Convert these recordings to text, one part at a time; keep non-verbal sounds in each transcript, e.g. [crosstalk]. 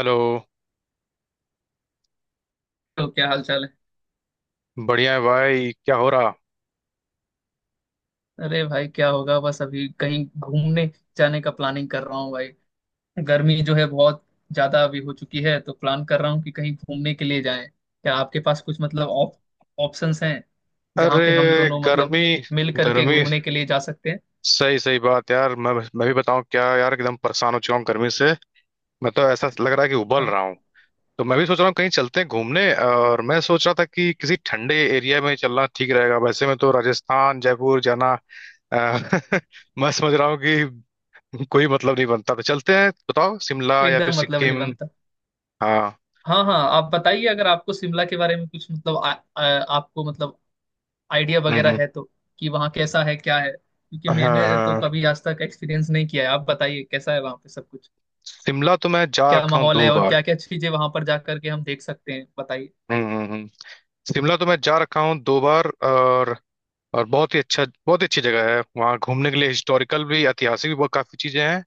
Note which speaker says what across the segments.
Speaker 1: Hello.
Speaker 2: तो क्या हाल चाल है?
Speaker 1: बढ़िया है भाई क्या हो रहा।
Speaker 2: अरे भाई क्या होगा, बस अभी कहीं घूमने जाने का प्लानिंग कर रहा हूँ भाई। गर्मी जो है बहुत ज्यादा अभी हो चुकी है, तो प्लान कर रहा हूँ कि कहीं घूमने के लिए जाएं। क्या आपके पास कुछ मतलब ऑप्शंस हैं जहाँ
Speaker 1: अरे
Speaker 2: पे हम दोनों मतलब
Speaker 1: गर्मी
Speaker 2: मिल करके
Speaker 1: गर्मी,
Speaker 2: घूमने के लिए जा सकते हैं?
Speaker 1: सही सही बात यार। मैं भी बताऊं क्या यार, एकदम परेशान हो चुका हूँ गर्मी से। मैं तो ऐसा लग रहा है कि उबल
Speaker 2: हाँ,
Speaker 1: रहा हूँ। तो मैं भी सोच रहा हूँ कहीं चलते हैं घूमने, और मैं सोच रहा था कि किसी ठंडे एरिया में चलना ठीक रहेगा। वैसे मैं तो राजस्थान जयपुर जाना अ, [laughs] मैं समझ रहा हूँ कि कोई मतलब नहीं बनता, तो चलते हैं, बताओ शिमला या फिर
Speaker 2: एकदम मतलब नहीं
Speaker 1: सिक्किम।
Speaker 2: बनता।
Speaker 1: हाँ।
Speaker 2: हाँ हाँ, आप बताइए अगर आपको शिमला के बारे में कुछ मतलब आ, आ, आपको मतलब आइडिया
Speaker 1: हम्म,
Speaker 2: वगैरह
Speaker 1: हम्म।
Speaker 2: है तो कि वहाँ कैसा है क्या है, क्योंकि
Speaker 1: हाँ
Speaker 2: मैंने तो
Speaker 1: हाँ।
Speaker 2: कभी आज तक एक्सपीरियंस नहीं किया है। आप बताइए कैसा है वहाँ पे सब कुछ।
Speaker 1: शिमला तो मैं जा
Speaker 2: क्या
Speaker 1: रखा हूँ
Speaker 2: माहौल है
Speaker 1: दो
Speaker 2: और
Speaker 1: बार।
Speaker 2: क्या क्या चीजें वहां पर जा करके हम देख सकते हैं, बताइए।
Speaker 1: हम्म हम्म, हम्म। शिमला तो मैं जा रखा हूँ दो बार, और बहुत ही अच्छा, बहुत ही अच्छी जगह है वहाँ घूमने के लिए। हिस्टोरिकल भी, ऐतिहासिक भी बहुत काफी चीजें हैं।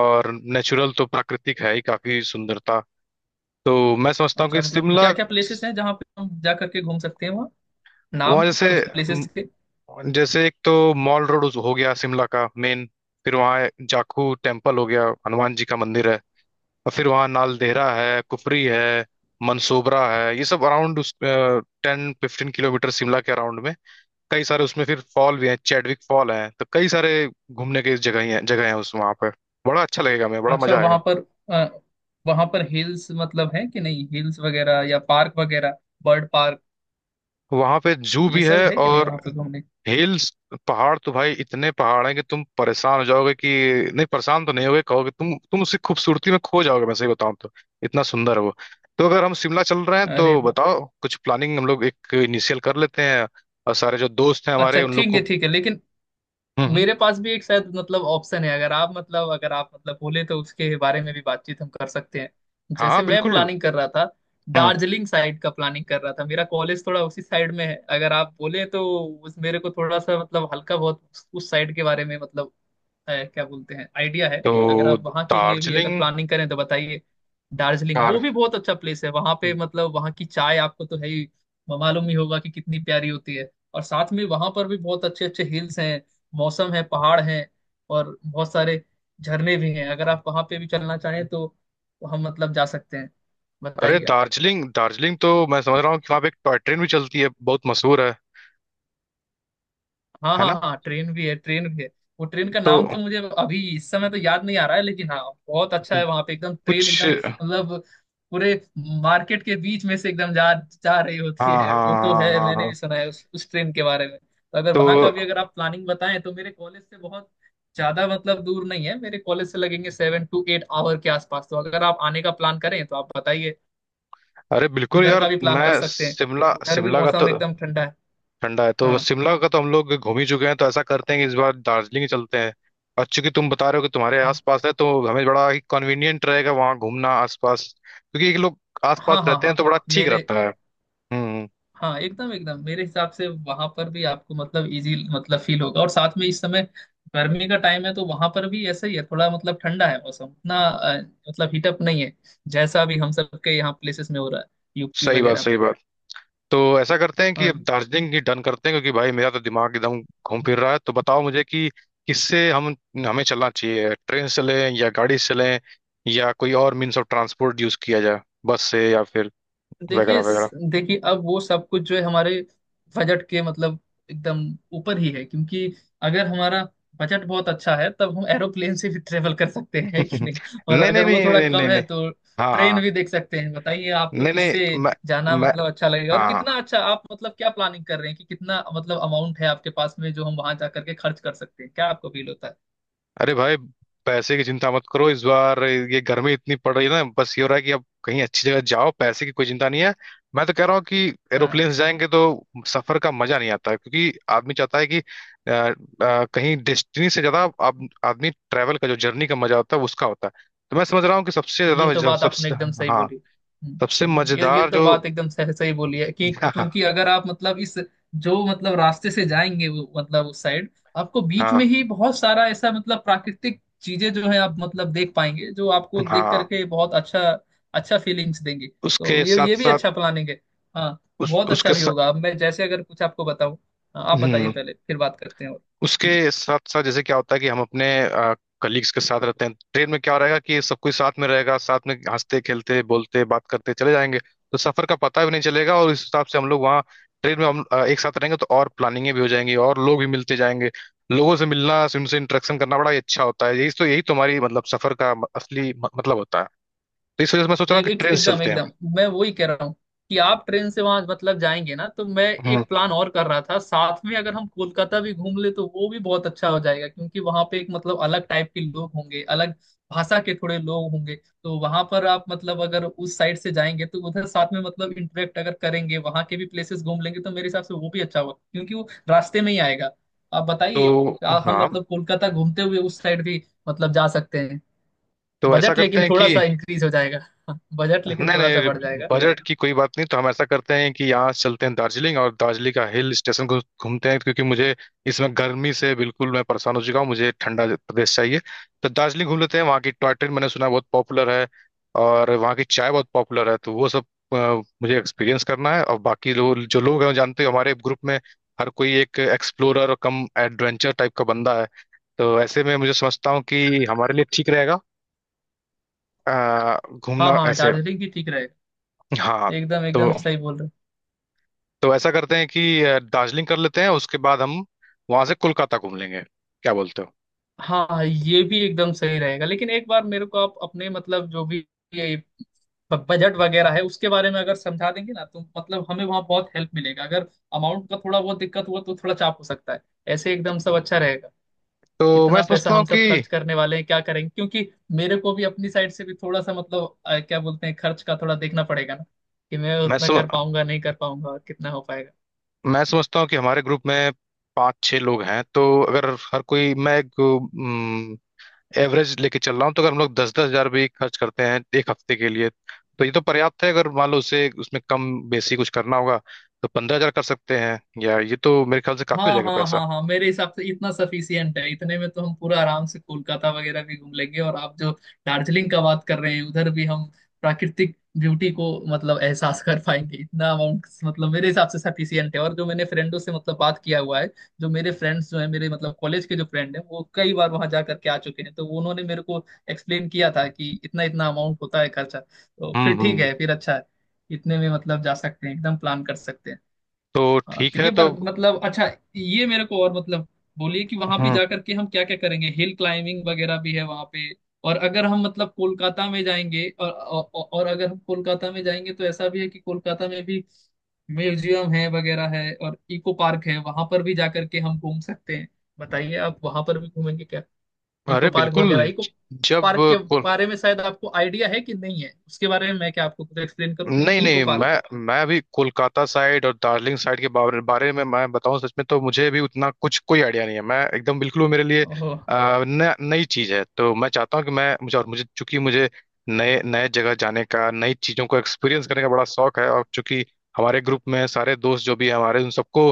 Speaker 1: और नेचुरल तो प्राकृतिक है ही, काफी सुंदरता। तो मैं समझता हूँ
Speaker 2: अच्छा
Speaker 1: कि
Speaker 2: मतलब क्या
Speaker 1: शिमला
Speaker 2: क्या प्लेसेस हैं जहाँ पे हम जा करके घूम सकते हैं वहाँ, नाम
Speaker 1: वहाँ जैसे
Speaker 2: कुछ
Speaker 1: म,
Speaker 2: प्लेसेस के।
Speaker 1: जैसे एक तो मॉल रोड हो गया, शिमला का मेन। फिर वहाँ जाखू टेम्पल हो गया, हनुमान जी का मंदिर है। और फिर वहाँ नालदेहरा है, कुफरी है, मनसोबरा है। ये सब अराउंड 10-15 किलोमीटर शिमला के अराउंड में कई सारे, उसमें फिर फॉल भी हैं, चैडविक फॉल हैं। तो कई सारे घूमने के जगह हैं उस वहाँ पे। बड़ा अच्छा लगेगा, मैं बड़ा
Speaker 2: अच्छा,
Speaker 1: मजा
Speaker 2: वहां
Speaker 1: आएगा।
Speaker 2: पर अ, वहां पर हिल्स मतलब है कि नहीं, हिल्स वगैरह या पार्क वगैरह, बर्ड पार्क,
Speaker 1: वहां पे जू
Speaker 2: ये
Speaker 1: भी
Speaker 2: सब
Speaker 1: है,
Speaker 2: है कि नहीं
Speaker 1: और
Speaker 2: वहां पे घूमने?
Speaker 1: हिल्स, पहाड़ तो भाई इतने पहाड़ हैं कि तुम परेशान हो जाओगे कि नहीं, परेशान तो नहीं होगे, कहोगे, तुम उसकी खूबसूरती में खो जाओगे। मैं सही बताऊं तो इतना सुंदर है वो। तो अगर हम शिमला चल रहे हैं तो
Speaker 2: अरे वाह।
Speaker 1: बताओ, कुछ प्लानिंग हम लोग एक इनिशियल कर लेते हैं, और सारे जो दोस्त हैं
Speaker 2: अच्छा
Speaker 1: हमारे उन लोग
Speaker 2: ठीक
Speaker 1: को।
Speaker 2: है ठीक है, लेकिन
Speaker 1: हम्म हम्म।
Speaker 2: मेरे पास भी एक शायद मतलब ऑप्शन है। अगर आप मतलब बोले तो उसके बारे में भी बातचीत हम कर सकते हैं।
Speaker 1: हाँ हाँ,
Speaker 2: जैसे मैं
Speaker 1: बिल्कुल।
Speaker 2: प्लानिंग कर रहा था,
Speaker 1: हम्म।
Speaker 2: दार्जिलिंग साइड का प्लानिंग कर रहा था। मेरा कॉलेज थोड़ा उसी साइड में है। अगर आप बोले तो उस मेरे को थोड़ा सा मतलब हल्का बहुत उस साइड के बारे में मतलब है क्या बोलते हैं आइडिया है। अगर
Speaker 1: तो
Speaker 2: आप वहां के लिए भी अगर
Speaker 1: दार्जिलिंग।
Speaker 2: प्लानिंग करें तो बताइए। दार्जिलिंग वो
Speaker 1: कार
Speaker 2: भी बहुत अच्छा प्लेस है। वहां पे मतलब वहां की चाय आपको तो है ही मालूम ही होगा कि कितनी प्यारी होती है। और साथ में वहां पर भी बहुत अच्छे अच्छे हिल्स हैं, मौसम है, पहाड़ हैं, और बहुत सारे झरने भी हैं। अगर आप वहां पे भी चलना चाहें तो हम मतलब जा सकते हैं,
Speaker 1: अरे
Speaker 2: बताइए।
Speaker 1: दार्जिलिंग, दार्जिलिंग तो मैं समझ रहा हूँ कि वहाँ पे एक टॉय ट्रेन भी चलती है, बहुत मशहूर है
Speaker 2: हाँ
Speaker 1: है
Speaker 2: हाँ
Speaker 1: ना।
Speaker 2: हाँ, ट्रेन भी है, ट्रेन भी है। वो ट्रेन का
Speaker 1: तो
Speaker 2: नाम तो मुझे अभी इस समय तो याद नहीं आ रहा है, लेकिन हाँ बहुत अच्छा है। वहां पे एकदम ट्रेन
Speaker 1: कुछ
Speaker 2: एकदम मतलब पूरे मार्केट के बीच में से एकदम जा जा रही होती
Speaker 1: हाँ
Speaker 2: है।
Speaker 1: हाँ
Speaker 2: वो तो
Speaker 1: हाँ
Speaker 2: है,
Speaker 1: हाँ
Speaker 2: मैंने
Speaker 1: हाँ।
Speaker 2: भी सुना है उस ट्रेन के बारे में। तो अगर
Speaker 1: तो
Speaker 2: वहां का भी अगर आप प्लानिंग बताएं तो मेरे कॉलेज से बहुत ज्यादा मतलब दूर नहीं है। मेरे कॉलेज से लगेंगे 7-8 आवर के आसपास। तो अगर आप आने का प्लान करें तो आप बताइए,
Speaker 1: अरे बिल्कुल
Speaker 2: उधर
Speaker 1: यार।
Speaker 2: का भी प्लान कर
Speaker 1: मैं
Speaker 2: सकते हैं।
Speaker 1: शिमला
Speaker 2: उधर भी
Speaker 1: शिमला का तो
Speaker 2: मौसम एकदम ठंडा है।
Speaker 1: ठंडा है तो,
Speaker 2: हाँ,
Speaker 1: शिमला का तो हम लोग घूम ही चुके हैं, तो ऐसा करते हैं कि इस बार दार्जिलिंग ही चलते हैं। और चूंकि तुम बता रहे हो कि तुम्हारे
Speaker 2: हाँ,
Speaker 1: आसपास है, तो हमें बड़ा ही कन्वीनियंट रहेगा वहाँ घूमना आसपास, क्योंकि एक लोग
Speaker 2: हाँ,
Speaker 1: आसपास
Speaker 2: हाँ,
Speaker 1: रहते हैं
Speaker 2: हाँ,
Speaker 1: तो बड़ा ठीक
Speaker 2: मेरे
Speaker 1: रहता है। हम्म।
Speaker 2: हाँ, एकदम एकदम मेरे हिसाब से वहां पर भी आपको मतलब इजी मतलब फील होगा। और साथ में इस समय गर्मी का टाइम है तो वहां पर भी ऐसा ही है। थोड़ा मतलब ठंडा है मौसम, उतना मतलब हीटअप नहीं है जैसा भी हम सबके यहाँ प्लेसेस में हो रहा है, यूपी
Speaker 1: सही बात,
Speaker 2: वगैरह में।
Speaker 1: सही बात। तो ऐसा करते हैं कि अब
Speaker 2: हाँ,
Speaker 1: दार्जिलिंग ही डन करते हैं, क्योंकि भाई मेरा तो दिमाग एकदम घूम फिर रहा है। तो बताओ मुझे कि किससे हम हमें चलना चाहिए, ट्रेन से चलें या गाड़ी से चलें, या कोई और मीन्स ऑफ ट्रांसपोर्ट यूज किया जाए, बस से या फिर वगैरह
Speaker 2: देखिए
Speaker 1: वगैरह।
Speaker 2: देखिए अब वो सब कुछ जो है हमारे बजट के मतलब एकदम ऊपर ही है। क्योंकि अगर हमारा बजट बहुत अच्छा है तब हम एरोप्लेन से भी ट्रेवल कर सकते हैं, है कि नहीं?
Speaker 1: [laughs]
Speaker 2: और
Speaker 1: नहीं नहीं
Speaker 2: अगर वो
Speaker 1: नहीं
Speaker 2: थोड़ा
Speaker 1: नहीं
Speaker 2: कम
Speaker 1: नहीं
Speaker 2: है
Speaker 1: नहीं।
Speaker 2: तो
Speaker 1: हाँ
Speaker 2: ट्रेन भी
Speaker 1: हाँ।
Speaker 2: देख सकते हैं। बताइए आपको
Speaker 1: नहीं
Speaker 2: किससे
Speaker 1: नहीं, मैं
Speaker 2: जाना
Speaker 1: मैं
Speaker 2: मतलब अच्छा लगेगा,
Speaker 1: हाँ
Speaker 2: और कितना
Speaker 1: हाँ।
Speaker 2: अच्छा आप मतलब क्या प्लानिंग कर रहे हैं, कि कितना मतलब अमाउंट है आपके पास में जो हम वहां जा करके खर्च कर सकते हैं, क्या आपको फील होता है?
Speaker 1: अरे भाई, पैसे की चिंता मत करो। इस बार ये गर्मी इतनी पड़ रही है ना, बस ये हो रहा है कि अब कहीं अच्छी जगह जाओ, पैसे की कोई चिंता नहीं है। मैं तो कह रहा हूँ कि
Speaker 2: हाँ,
Speaker 1: एरोप्लेन से जाएंगे तो सफर का मजा नहीं आता, क्योंकि आदमी चाहता है कि कहीं डेस्टिनी से ज्यादा आदमी ट्रैवल का जो जर्नी का मजा होता है उसका होता है। तो मैं समझ रहा हूँ कि सबसे
Speaker 2: ये तो
Speaker 1: ज्यादा
Speaker 2: बात आपने
Speaker 1: सबसे।
Speaker 2: एकदम सही
Speaker 1: हाँ।
Speaker 2: बोली। हम्म,
Speaker 1: सबसे
Speaker 2: ये
Speaker 1: मजेदार
Speaker 2: तो
Speaker 1: जो।
Speaker 2: बात एकदम सही सही बोली है, कि
Speaker 1: [laughs]
Speaker 2: क्योंकि अगर आप मतलब इस जो मतलब रास्ते से जाएंगे, वो मतलब उस साइड आपको
Speaker 1: हाँ
Speaker 2: बीच में
Speaker 1: हाँ
Speaker 2: ही बहुत सारा ऐसा मतलब प्राकृतिक चीजें जो है आप मतलब देख पाएंगे, जो आपको देख
Speaker 1: हाँ।
Speaker 2: करके बहुत अच्छा अच्छा फीलिंग्स देंगे। तो
Speaker 1: उसके
Speaker 2: ये
Speaker 1: साथ
Speaker 2: ये भी
Speaker 1: साथ
Speaker 2: अच्छा प्लानिंग है। हाँ,
Speaker 1: उस
Speaker 2: बहुत अच्छा
Speaker 1: उसके
Speaker 2: भी
Speaker 1: साथ
Speaker 2: होगा। अब मैं जैसे अगर कुछ आपको बताऊं, हाँ, आप बताइए पहले फिर बात करते हैं। और हम्म।
Speaker 1: उसके साथ साथ जैसे क्या होता है कि हम अपने कलीग्स के साथ रहते हैं, ट्रेन में क्या रहेगा कि सब कोई साथ में रहेगा, साथ में हंसते, खेलते, बोलते, बात करते चले जाएंगे। तो सफर का पता भी नहीं चलेगा। और इस हिसाब से हम लोग वहाँ ट्रेन में हम एक साथ रहेंगे, तो और प्लानिंगें भी हो जाएंगी और लोग भी मिलते जाएंगे। लोगों से मिलना, उनसे इंटरेक्शन करना बड़ा ही अच्छा होता है। यही तो, यही तुम्हारी मतलब सफर का असली मतलब होता है। तो इस वजह से मैं सोच रहा हूँ
Speaker 2: एक,
Speaker 1: कि
Speaker 2: एक
Speaker 1: ट्रेन से
Speaker 2: एकदम
Speaker 1: चलते हैं।
Speaker 2: एकदम मैं वही कह रहा हूँ कि आप ट्रेन से वहां मतलब जाएंगे ना, तो मैं
Speaker 1: हम्म।
Speaker 2: एक प्लान और कर रहा था। साथ में अगर हम कोलकाता भी घूम ले तो वो भी बहुत अच्छा हो जाएगा क्योंकि वहां पे एक मतलब अलग टाइप के लोग होंगे, अलग भाषा के थोड़े लोग होंगे। तो वहां पर आप मतलब अगर उस साइड से जाएंगे तो उधर साथ में मतलब इंटरेक्ट अगर करेंगे, वहां के भी प्लेसेस घूम लेंगे, तो मेरे हिसाब से वो भी अच्छा होगा क्योंकि वो रास्ते में ही आएगा। आप बताइए,
Speaker 1: तो।
Speaker 2: हम
Speaker 1: हाँ।
Speaker 2: मतलब कोलकाता घूमते हुए उस साइड भी मतलब जा सकते हैं।
Speaker 1: तो ऐसा
Speaker 2: बजट
Speaker 1: करते
Speaker 2: लेकिन
Speaker 1: हैं
Speaker 2: थोड़ा
Speaker 1: कि
Speaker 2: सा इंक्रीज हो जाएगा। [laughs] बजट लेकिन
Speaker 1: नहीं
Speaker 2: थोड़ा सा बढ़
Speaker 1: नहीं,
Speaker 2: जाएगा।
Speaker 1: बजट की कोई बात नहीं। तो हम ऐसा करते हैं कि यहाँ से चलते हैं दार्जिलिंग, और दार्जिलिंग का हिल स्टेशन को घूमते हैं, क्योंकि मुझे इसमें गर्मी से बिल्कुल मैं परेशान हो चुका हूँ, मुझे ठंडा प्रदेश चाहिए। तो दार्जिलिंग घूम लेते हैं, वहाँ की टॉय ट्रेन मैंने सुना है बहुत पॉपुलर है, और वहाँ की चाय बहुत पॉपुलर है। तो वो सब अ, मुझे एक्सपीरियंस करना है। और बाकी लोग जो लोग हैं वो जानते हो, हमारे ग्रुप में हर कोई एक एक्सप्लोरर और कम एडवेंचर टाइप का बंदा है। तो ऐसे में मुझे समझता हूँ कि हमारे लिए ठीक रहेगा अ,
Speaker 2: हाँ
Speaker 1: घूमना
Speaker 2: हाँ,
Speaker 1: ऐसे।
Speaker 2: दार्जिलिंग भी ठीक रहेगा।
Speaker 1: हाँ।
Speaker 2: एकदम
Speaker 1: तो।
Speaker 2: एकदम सही बोल रहे हो।
Speaker 1: तो ऐसा करते हैं कि दार्जिलिंग कर लेते हैं, उसके बाद हम वहां से कोलकाता घूम लेंगे, क्या बोलते हो।
Speaker 2: हाँ हाँ, ये भी एकदम सही रहेगा, लेकिन एक बार मेरे को आप अपने मतलब जो भी ये बजट वगैरह है उसके बारे में अगर समझा देंगे ना, तो मतलब हमें वहाँ बहुत हेल्प मिलेगा। अगर अमाउंट का थोड़ा बहुत दिक्कत हुआ तो थोड़ा चाप हो सकता है, ऐसे एकदम सब अच्छा रहेगा।
Speaker 1: तो मैं
Speaker 2: कितना पैसा
Speaker 1: समझता हूँ
Speaker 2: हम
Speaker 1: कि
Speaker 2: सब खर्च करने वाले हैं, क्या करेंगे, क्योंकि मेरे को भी अपनी साइड से भी थोड़ा सा मतलब क्या बोलते हैं, खर्च का थोड़ा देखना पड़ेगा ना कि मैं
Speaker 1: मैं
Speaker 2: उतना
Speaker 1: सम,
Speaker 2: कर पाऊंगा नहीं कर पाऊंगा और कितना हो पाएगा।
Speaker 1: मैं समझता हूँ कि हमारे ग्रुप में पांच छह लोग हैं। तो अगर हर कोई, मैं एक एवरेज लेके चल रहा हूँ, तो अगर हम लोग 10-10 हजार भी खर्च करते हैं एक हफ्ते के लिए, तो ये तो पर्याप्त है। अगर मान लो उसे उसमें कम बेसी कुछ करना होगा, तो 15 हजार कर सकते हैं, या ये तो मेरे ख्याल से काफी हो
Speaker 2: हाँ
Speaker 1: जाएगा
Speaker 2: हाँ
Speaker 1: पैसा।
Speaker 2: हाँ हाँ, मेरे हिसाब से इतना सफिशियंट है। इतने में तो हम पूरा आराम से कोलकाता वगैरह भी घूम लेंगे, और आप जो दार्जिलिंग का बात कर रहे हैं उधर भी हम प्राकृतिक ब्यूटी को मतलब एहसास कर पाएंगे। इतना अमाउंट मतलब मेरे हिसाब से सफिशियंट है, और जो मैंने फ्रेंडों से मतलब बात किया हुआ है, जो मेरे फ्रेंड्स जो है, मेरे मतलब कॉलेज के जो फ्रेंड हैं, वो कई बार वहां जा करके आ चुके हैं, तो उन्होंने मेरे को एक्सप्लेन किया था कि इतना इतना अमाउंट होता है खर्चा, तो फिर ठीक
Speaker 1: हम्म।
Speaker 2: है फिर अच्छा है। इतने में मतलब जा सकते हैं, एकदम प्लान कर सकते हैं।
Speaker 1: तो
Speaker 2: हाँ
Speaker 1: ठीक
Speaker 2: तो
Speaker 1: है।
Speaker 2: ये
Speaker 1: तो।
Speaker 2: बात मतलब अच्छा, ये मेरे को और मतलब बोलिए कि वहां पे
Speaker 1: हम्म।
Speaker 2: जाकर के हम क्या क्या करेंगे, हिल क्लाइंबिंग वगैरह भी है वहां पे? और अगर हम मतलब कोलकाता में जाएंगे अगर हम कोलकाता में जाएंगे तो ऐसा भी है कि कोलकाता में भी म्यूजियम है वगैरह है और इको पार्क है, वहां पर भी जाकर के हम घूम सकते हैं। बताइए आप वहां पर भी घूमेंगे क्या, इको
Speaker 1: अरे
Speaker 2: पार्क
Speaker 1: बिल्कुल।
Speaker 2: वगैरह? इको
Speaker 1: ज- जब
Speaker 2: पार्क के
Speaker 1: को-
Speaker 2: बारे में शायद आपको आइडिया है कि नहीं है, उसके बारे में मैं क्या आपको कुछ एक्सप्लेन करूँ,
Speaker 1: नहीं
Speaker 2: इको
Speaker 1: नहीं,
Speaker 2: पार्क?
Speaker 1: मैं अभी कोलकाता साइड और दार्जिलिंग साइड के बारे में मैं बताऊं सच में तो मुझे भी उतना कुछ कोई आइडिया नहीं है। मैं एकदम बिल्कुल, वो मेरे लिए
Speaker 2: ओह,
Speaker 1: नई चीज है। तो मैं चाहता हूँ कि मैं मुझे और मुझे चूंकि मुझे नए नए जगह जाने का, नई चीजों को एक्सपीरियंस करने का बड़ा शौक है। और चूंकि हमारे ग्रुप में सारे दोस्त जो भी हैं हमारे, उन सबको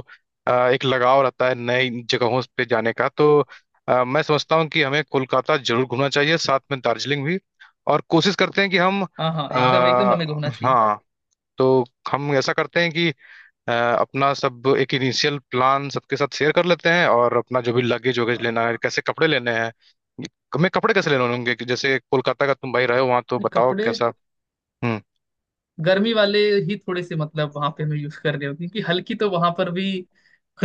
Speaker 1: एक लगाव रहता है नई जगहों पे जाने का। तो मैं समझता हूँ कि हमें कोलकाता जरूर घूमना चाहिए, साथ में दार्जिलिंग भी। और कोशिश करते हैं कि हम
Speaker 2: हाँ हाँ, एकदम
Speaker 1: आ,
Speaker 2: एकदम हमें घूमना चाहिए।
Speaker 1: हाँ। तो हम ऐसा करते हैं कि अपना सब एक इनिशियल प्लान सबके साथ शेयर कर लेते हैं, और अपना जो भी लगेज वगैरह लेना है, कैसे कपड़े लेने हैं, हमें कपड़े कैसे लेने होंगे कि जैसे कोलकाता का तुम भाई रहे हो वहां, तो बताओ
Speaker 2: कपड़े
Speaker 1: कैसा। हम्म
Speaker 2: गर्मी वाले ही थोड़े से मतलब वहां पे हमें यूज कर रहे हो, क्योंकि हल्की तो वहां पर भी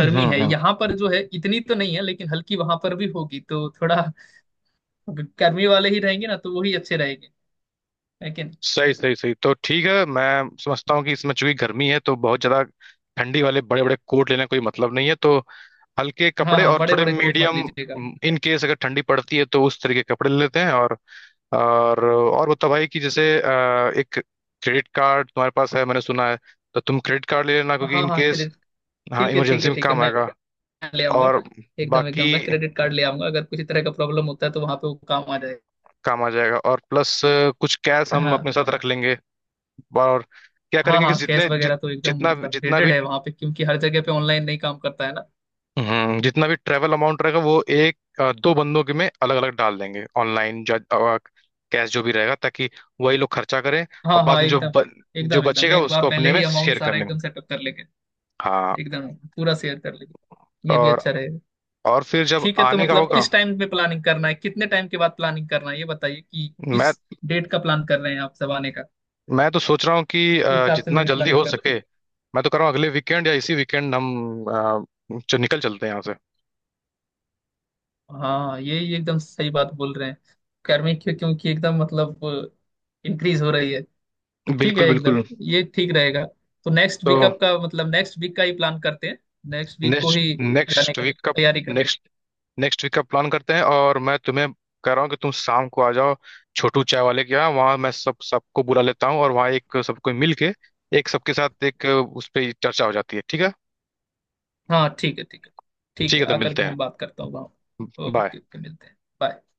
Speaker 2: है।
Speaker 1: हम्म।
Speaker 2: यहाँ पर जो है इतनी तो नहीं है, लेकिन हल्की वहां पर भी होगी, तो थोड़ा गर्मी वाले ही रहेंगे ना, तो वही अच्छे रहेंगे लेकिन।
Speaker 1: सही सही सही, तो ठीक है। मैं समझता हूँ कि इसमें चूंकि गर्मी है तो बहुत ज्यादा ठंडी वाले बड़े बड़े कोट लेने का कोई मतलब नहीं है। तो हल्के
Speaker 2: हाँ
Speaker 1: कपड़े
Speaker 2: हाँ,
Speaker 1: और
Speaker 2: बड़े
Speaker 1: थोड़े
Speaker 2: बड़े कोट मत
Speaker 1: मीडियम,
Speaker 2: लीजिएगा।
Speaker 1: इन केस अगर ठंडी पड़ती है तो उस तरीके के कपड़े ले लेते हैं। और बताओ भाई कि जैसे एक क्रेडिट कार्ड तुम्हारे पास है मैंने सुना है। तो तुम क्रेडिट कार्ड ले लेना, क्योंकि
Speaker 2: हाँ
Speaker 1: इन
Speaker 2: हाँ
Speaker 1: केस।
Speaker 2: क्रेडिट,
Speaker 1: हाँ,
Speaker 2: ठीक है ठीक
Speaker 1: इमरजेंसी
Speaker 2: है
Speaker 1: में
Speaker 2: ठीक है,
Speaker 1: काम
Speaker 2: मैं
Speaker 1: आएगा।
Speaker 2: ले आऊंगा।
Speaker 1: और
Speaker 2: एकदम
Speaker 1: बाकी
Speaker 2: एकदम, मैं क्रेडिट कार्ड ले आऊंगा, अगर किसी तरह का प्रॉब्लम होता है तो वहां पे वो काम आ जाएगा।
Speaker 1: काम आ जाएगा, और प्लस कुछ कैश हम
Speaker 2: हाँ
Speaker 1: अपने साथ रख लेंगे। और क्या
Speaker 2: हाँ
Speaker 1: करेंगे कि
Speaker 2: हाँ, कैश वगैरह तो एकदम
Speaker 1: जितना
Speaker 2: मतलब
Speaker 1: जितना
Speaker 2: ग्रेडेड
Speaker 1: भी,
Speaker 2: है वहां पे, क्योंकि हर जगह पे ऑनलाइन नहीं काम करता है ना।
Speaker 1: जितना भी ट्रेवल अमाउंट रहेगा, वो एक दो बंदों के में अलग अलग डाल देंगे ऑनलाइन, कैश जो भी रहेगा, ताकि वही लोग खर्चा करें। और
Speaker 2: हाँ
Speaker 1: बाद
Speaker 2: हाँ,
Speaker 1: में
Speaker 2: एकदम
Speaker 1: जो
Speaker 2: एकदम एकदम
Speaker 1: बचेगा
Speaker 2: एक बार
Speaker 1: उसको
Speaker 2: पहले
Speaker 1: अपने में
Speaker 2: ही अमाउंट
Speaker 1: शेयर कर
Speaker 2: सारा
Speaker 1: लेंगे।
Speaker 2: एकदम सेटअप कर लेंगे।
Speaker 1: हाँ।
Speaker 2: एकदम पूरा शेयर कर लेंगे, ये भी
Speaker 1: और
Speaker 2: अच्छा रहेगा।
Speaker 1: फिर जब
Speaker 2: ठीक है, तो
Speaker 1: आने का ठीक है
Speaker 2: मतलब
Speaker 1: होगा।
Speaker 2: किस टाइम पे प्लानिंग करना है, कितने टाइम के बाद प्लानिंग करना है, ये बताइए कि
Speaker 1: मैं
Speaker 2: किस डेट का प्लान कर रहे हैं आप सब आने का,
Speaker 1: मैं तो सोच रहा हूँ कि
Speaker 2: उसी हिसाब से
Speaker 1: जितना
Speaker 2: मैं भी
Speaker 1: जल्दी
Speaker 2: प्लानिंग
Speaker 1: हो
Speaker 2: करते...
Speaker 1: सके। मैं तो कर रहा हूँ अगले वीकेंड या इसी वीकेंड हम निकल चलते हैं यहाँ से।
Speaker 2: हाँ, ये एकदम सही बात बोल रहे हैं। गर्मी, क्योंकि एकदम मतलब इंक्रीज हो रही है, तो ठीक है
Speaker 1: बिल्कुल बिल्कुल।
Speaker 2: एकदम, ये ठीक रहेगा। तो
Speaker 1: तो
Speaker 2: नेक्स्ट वीक का ही प्लान करते हैं। नेक्स्ट वीक को
Speaker 1: नेक्स्ट
Speaker 2: ही जाने
Speaker 1: नेक्स्ट
Speaker 2: का
Speaker 1: वीक का
Speaker 2: तैयारी करते हैं।
Speaker 1: नेक्स्ट नेक्स्ट वीक का प्लान करते हैं, और मैं तुम्हें कह रहा हूँ कि तुम शाम को आ जाओ छोटू चाय वाले के यहाँ, वहाँ मैं सब सबको बुला लेता हूँ, और वहाँ एक सबको मिल के एक सबके साथ एक उस पर चर्चा हो जाती है, ठीक है।
Speaker 2: हाँ ठीक है ठीक है, ठीक
Speaker 1: ठीक
Speaker 2: है
Speaker 1: है, तो
Speaker 2: आकर
Speaker 1: मिलते
Speaker 2: के
Speaker 1: हैं।
Speaker 2: मैं बात करता हूँ वहाँ।
Speaker 1: बाय।
Speaker 2: ओके ओके, मिलते हैं, बाय।